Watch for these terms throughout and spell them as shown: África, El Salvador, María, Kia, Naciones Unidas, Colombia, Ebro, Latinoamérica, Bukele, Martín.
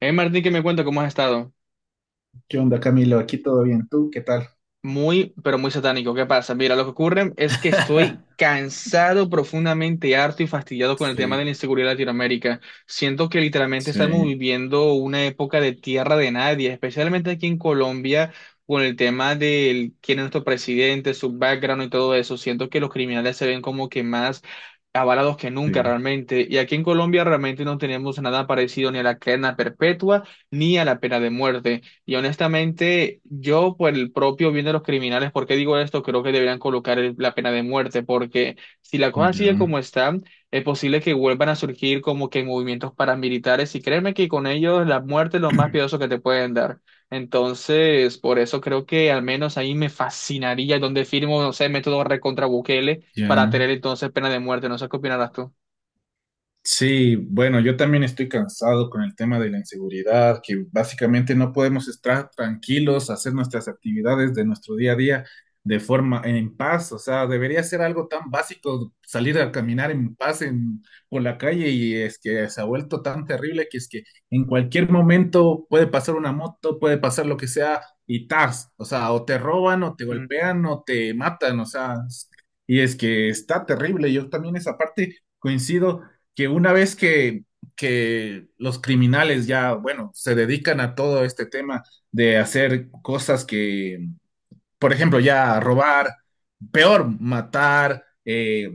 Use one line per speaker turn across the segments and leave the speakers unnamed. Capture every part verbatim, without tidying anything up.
Eh, Martín, que me cuenta cómo has estado.
¿Qué onda, Camilo? Aquí todo bien. ¿Tú qué tal?
Muy, pero muy satánico. ¿Qué pasa? Mira, lo que ocurre es que estoy cansado, profundamente harto y fastidiado con el tema de la
Sí,
inseguridad en Latinoamérica. Siento que literalmente estamos
sí,
viviendo una época de tierra de nadie, especialmente aquí en Colombia, con el tema de quién es nuestro presidente, su background y todo eso. Siento que los criminales se ven como que más avalados que nunca
sí,
realmente. Y aquí en Colombia realmente no tenemos nada parecido ni a la cadena perpetua ni a la pena de muerte. Y honestamente, yo por el propio bien de los criminales, ¿por qué digo esto? Creo que deberían colocar el- la pena de muerte, porque si la cosa sigue
ya,
como está, es posible que vuelvan a surgir como que movimientos paramilitares y créeme que con ellos la muerte es lo más piadoso que te pueden dar. Entonces, por eso creo que al menos ahí me fascinaría donde firmo, no sé, método recontra Bukele para
ya.
tener entonces pena de muerte. No sé qué opinarás tú.
Sí, bueno, yo también estoy cansado con el tema de la inseguridad, que básicamente no podemos estar tranquilos, hacer nuestras actividades de nuestro día a día de forma en paz. O sea, debería ser algo tan básico salir a caminar en paz en- por la calle, y es que se ha vuelto tan terrible que es que en cualquier momento puede pasar una moto, puede pasar lo que sea y tas, o sea, o te roban o te
Mm,
golpean o te matan. O sea, y es que está terrible. Yo también esa parte coincido que una vez que, que los criminales ya, bueno, se dedican a todo este tema de hacer cosas que, por ejemplo, ya robar, peor, matar, eh,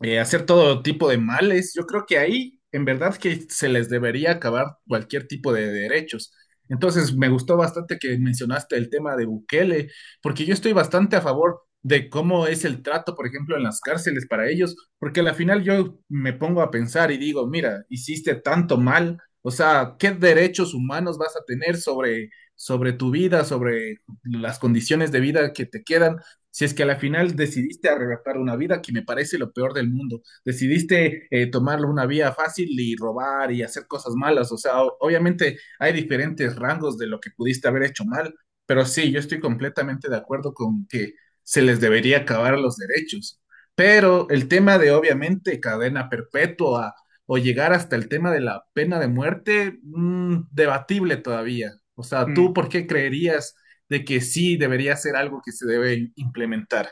eh, hacer todo tipo de males. Yo creo que ahí, en verdad, que se les debería acabar cualquier tipo de derechos. Entonces, me gustó bastante que mencionaste el tema de Bukele, porque yo estoy bastante a favor de cómo es el trato, por ejemplo, en las cárceles para ellos, porque al final yo me pongo a pensar y digo, mira, hiciste tanto mal, o sea, ¿qué derechos humanos vas a tener sobre, sobre tu vida, sobre las condiciones de vida que te quedan? Si es que a la final decidiste arrebatar una vida, que me parece lo peor del mundo, decidiste eh, tomarlo una vía fácil y robar y hacer cosas malas, o sea, o- obviamente hay diferentes rangos de lo que pudiste haber hecho mal, pero sí, yo estoy completamente de acuerdo con que se les debería acabar los derechos. Pero el tema de obviamente cadena perpetua o llegar hasta el tema de la pena de muerte, mm, debatible todavía. O sea, ¿tú
mm.
por qué creerías de que sí debería ser algo que se debe implementar?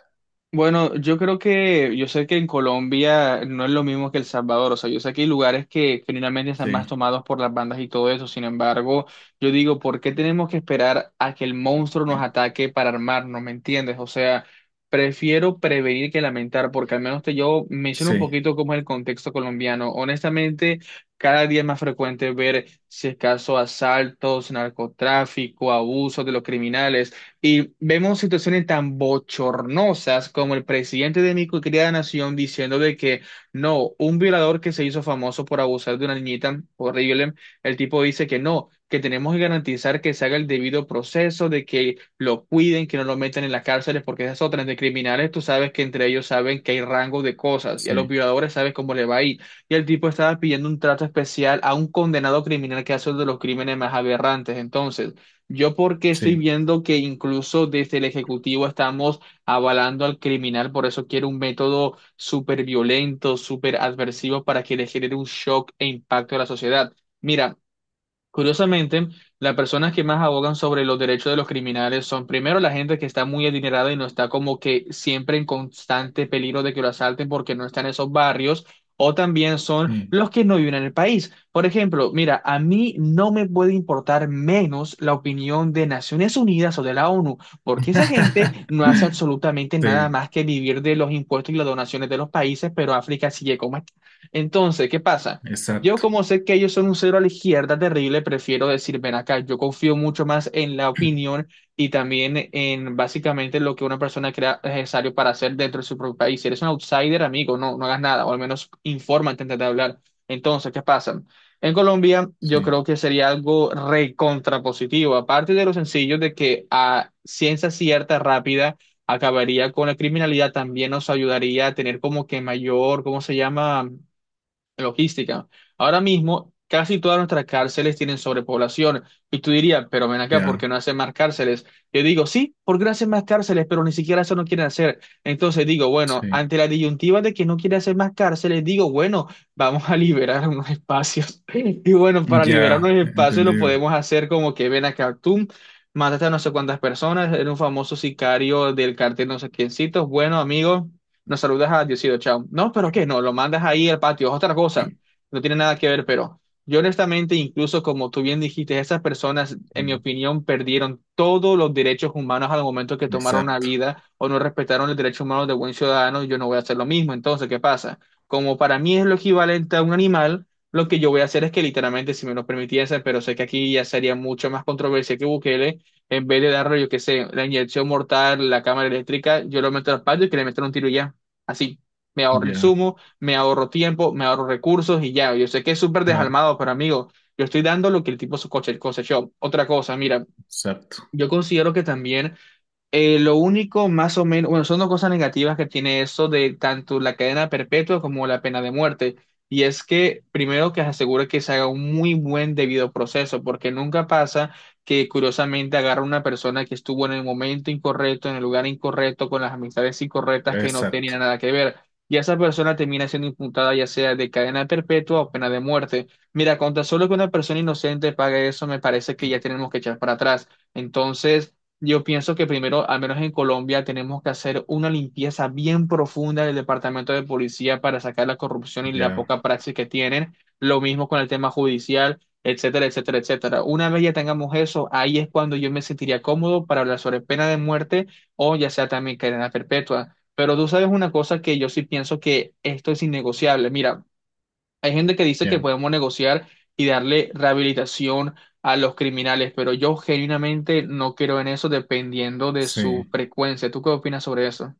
Bueno, yo creo que, yo sé que en Colombia no es lo mismo que El Salvador, o sea, yo sé que hay lugares que generalmente están más
Sí,
tomados por las bandas y todo eso, sin embargo, yo digo, ¿por qué tenemos que esperar a que el monstruo nos ataque para armarnos? ¿Me entiendes? O sea, prefiero prevenir que lamentar, porque al menos te yo menciono un
sí,
poquito cómo es el contexto colombiano. Honestamente, cada día es más frecuente ver, si es caso, asaltos, narcotráfico, abusos de los criminales. Y vemos situaciones tan bochornosas como el presidente de mi querida nación diciendo de que no, un violador que se hizo famoso por abusar de una niñita, horrible, el tipo dice que no, que tenemos que garantizar que se haga el debido proceso, de que lo cuiden, que no lo metan en las cárceles, porque esas otras de criminales, tú sabes que entre ellos saben que hay rango de cosas y a los
sí,
violadores sabes cómo le va a ir. Y el tipo estaba pidiendo un trato especial a un condenado criminal que hace uno de los crímenes más aberrantes. Entonces… Yo porque estoy
sí,
viendo que incluso desde el Ejecutivo estamos avalando al criminal, por eso quiero un método súper violento, súper adversivo para que le genere un shock e impacto a la sociedad. Mira, curiosamente, las personas que más abogan sobre los derechos de los criminales son primero la gente que está muy adinerada y no está como que siempre en constante peligro de que lo asalten porque no está en esos barrios, o también son
sí,
los que no viven en el país. Por ejemplo, mira, a mí no me puede importar menos la opinión de Naciones Unidas o de la ONU, porque esa gente no hace absolutamente nada
sí,
más que vivir de los impuestos y las donaciones de los países, pero África sigue como está. Entonces, ¿qué pasa? Yo
exacto.
como sé que ellos son un cero a la izquierda terrible, prefiero decir, ven acá, yo confío mucho más en la opinión y también en básicamente lo que una persona crea necesario para hacer dentro de su propio país. Si eres un outsider, amigo, no, no hagas nada, o al menos infórmate antes de hablar. Entonces, ¿qué pasa? En Colombia, yo
Sí,
creo que sería algo recontrapositivo, aparte de lo sencillo de que a ciencia cierta, rápida, acabaría con la criminalidad, también nos ayudaría a tener como que mayor, ¿cómo se llama? Logística. Ahora mismo, casi todas nuestras cárceles tienen sobrepoblación. Y tú dirías, pero ven acá, ¿por qué
ya,
no hacen más cárceles? Yo digo, sí, porque no hacen más cárceles, pero ni siquiera eso no quieren hacer. Entonces digo, bueno,
sí,
ante la disyuntiva de que no quiere hacer más cárceles, digo, bueno, vamos a liberar unos espacios. Y bueno, para liberar unos
ya,
espacios lo
entendido.
podemos hacer como que ven acá, tú mataste a no sé cuántas personas, eres un famoso sicario del cartel no sé quiéncitos. Bueno, amigo, nos saludas a Diosito, chao. No, pero ¿qué? No, lo mandas ahí al patio, es otra cosa. No tiene nada que ver, pero yo honestamente, incluso como tú bien dijiste, esas personas, en mi
Mm,
opinión, perdieron todos los derechos humanos al momento que tomaron una
exacto,
vida o no respetaron los derechos humanos de buen ciudadano, yo no voy a hacer lo mismo. Entonces, ¿qué pasa? Como para mí es lo equivalente a un animal, lo que yo voy a hacer es que literalmente, si me lo permitiese, pero sé que aquí ya sería mucho más controversia que Bukele, en vez de darle, yo qué sé, la inyección mortal, la cámara eléctrica, yo lo meto al patio y que le metan un tiro y ya. Así, me ahorro
ya,
insumos, me ahorro tiempo, me ahorro recursos y ya. Yo sé que es súper
claro,
desalmado, pero amigo, yo estoy dando lo que el tipo su coche, el cosechó. Otra cosa, mira,
exacto,
yo considero que también eh, lo único más o menos, bueno, son dos cosas negativas que tiene eso de tanto la cadena perpetua como la pena de muerte. Y es que primero que se asegura que se haga un muy buen debido proceso, porque nunca pasa que curiosamente agarra una persona que estuvo en el momento incorrecto, en el lugar incorrecto, con las amistades incorrectas que no
exacto,
tenían nada que ver. Y esa persona termina siendo imputada ya sea de cadena perpetua o pena de muerte. Mira, con tan solo que una persona inocente pague eso, me parece que ya tenemos que echar para atrás. Entonces… Yo pienso que primero, al menos en Colombia, tenemos que hacer una limpieza bien profunda del departamento de policía para sacar la corrupción y la
ya,
poca praxis que tienen. Lo mismo con el tema judicial, etcétera, etcétera, etcétera. Una vez ya tengamos eso, ahí es cuando yo me sentiría cómodo para hablar sobre pena de muerte o ya sea también cadena perpetua. Pero tú sabes una cosa que yo sí pienso que esto es innegociable. Mira, hay gente que dice que
ya,
podemos negociar y darle rehabilitación a los criminales, pero yo genuinamente no creo en eso dependiendo de su
sí,
frecuencia. ¿Tú qué opinas sobre eso?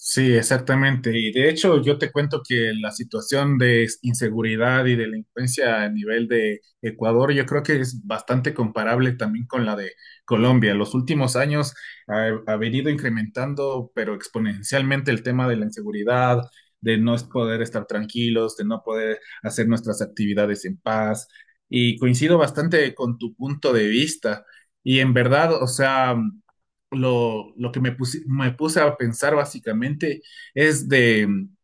sí, exactamente. Y de hecho, yo te cuento que la situación de inseguridad y delincuencia a nivel de Ecuador, yo creo que es bastante comparable también con la de Colombia. Los últimos años ha, ha venido incrementando, pero exponencialmente, el tema de la inseguridad, de no poder estar tranquilos, de no poder hacer nuestras actividades en paz. Y coincido bastante con tu punto de vista. Y en verdad, o sea, lo, lo que me puse, me puse a pensar básicamente es de mm,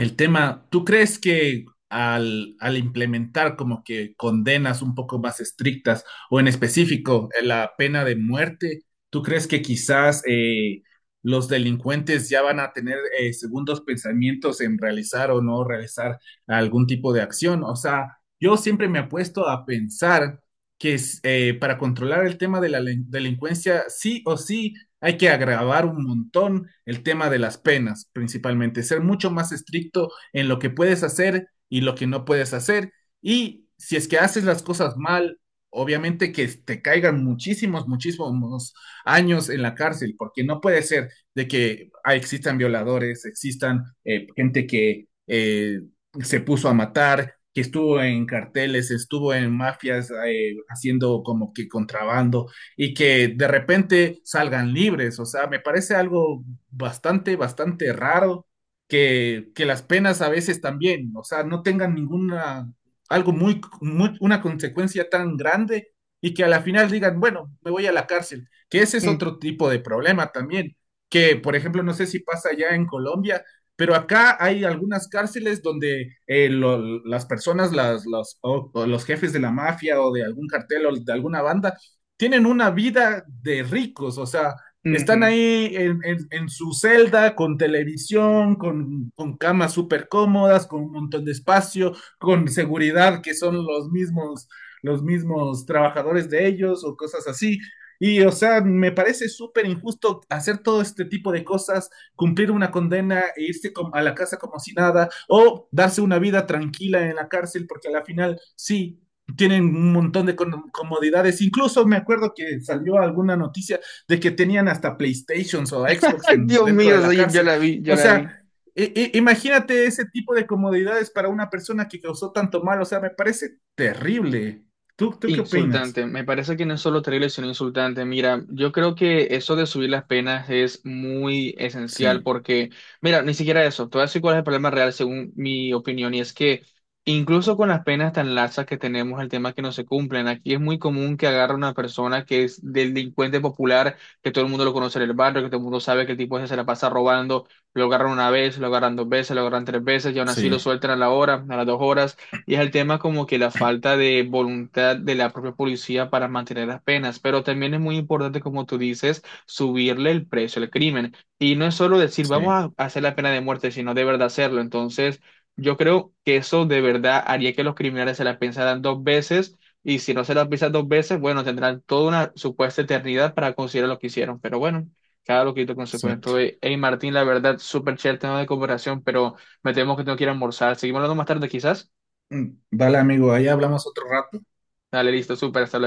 el tema, ¿tú crees que al, al implementar como que condenas un poco más estrictas o en específico eh, la pena de muerte, ¿tú crees que quizás eh, los delincuentes ya van a tener eh, segundos pensamientos en realizar o no realizar algún tipo de acción? O sea, yo siempre me he puesto a pensar que es, eh, para controlar el tema de la delin- delincuencia, sí o sí, hay que agravar un montón el tema de las penas, principalmente, ser mucho más estricto en lo que puedes hacer y lo que no puedes hacer. Y si es que haces las cosas mal, obviamente que te caigan muchísimos, muchísimos años en la cárcel, porque no puede ser de que ah, existan violadores, existan eh, gente que eh, se puso a matar, que estuvo en carteles, estuvo en mafias eh, haciendo como que contrabando y que de repente salgan libres. O sea, me parece algo bastante, bastante raro que, que las penas a veces también, o sea, no tengan ninguna, algo muy, muy, una consecuencia tan grande y que a la final digan, bueno, me voy a la cárcel, que ese es
Mm,
otro tipo de problema también, que por ejemplo, no sé si pasa ya en Colombia, pero acá hay algunas cárceles donde eh, lo- las personas, las, los, o- o los jefes de la mafia o de algún cartel o de alguna banda tienen una vida de ricos. O sea, están
ujú.
ahí en, en- en su celda con televisión, con, con camas súper cómodas, con un montón de espacio, con seguridad que son los mismos, los mismos trabajadores de ellos o cosas así. Y, o sea, me parece súper injusto hacer todo este tipo de cosas, cumplir una condena e irse com- a la casa como si nada, o darse una vida tranquila en la cárcel, porque a la final, sí, tienen un montón de comodidades. Incluso me acuerdo que salió alguna noticia de que tenían hasta PlayStations o Xbox
Ay,
en,
Dios
dentro de
mío,
la
sí, yo
cárcel.
la vi, yo
O
la vi.
sea, e, e, imagínate ese tipo de comodidades para una persona que causó tanto mal. O sea, me parece terrible. ¿Tú, tú qué opinas?
Insultante, me parece que no es solo terrible, sino insultante. Mira, yo creo que eso de subir las penas es muy esencial
Sí,
porque, mira, ni siquiera eso, te voy a decir cuál es el problema real según mi opinión, y es que incluso con las penas tan laxas que tenemos, el tema es que no se cumplen. Aquí es muy común que agarre una persona que es delincuente popular, que todo el mundo lo conoce en el barrio, que todo el mundo sabe que el tipo ese se la pasa robando, lo agarran una vez, lo agarran dos veces, lo agarran tres veces, y aún así lo
sí,
sueltan a la hora, a las dos horas, y es el tema como que la falta de voluntad de la propia policía para mantener las penas, pero también es muy importante, como tú dices, subirle el precio al crimen. Y no es solo decir,
sí,
vamos a hacer la pena de muerte, sino de verdad hacerlo. Entonces, yo creo que eso de verdad haría que los criminales se la pensaran dos veces y si no se la piensan dos veces, bueno, tendrán toda una supuesta eternidad para considerar lo que hicieron, pero bueno. Cada loquito con su cuento.
exacto.
Eh, Hey, Martín, la verdad, súper chévere el tema de comparación, pero me temo que tengo que ir a almorzar. Seguimos hablando más tarde, quizás.
Mm, vale, amigo, ahí hablamos otro rato.
Dale, listo, súper, hasta luego.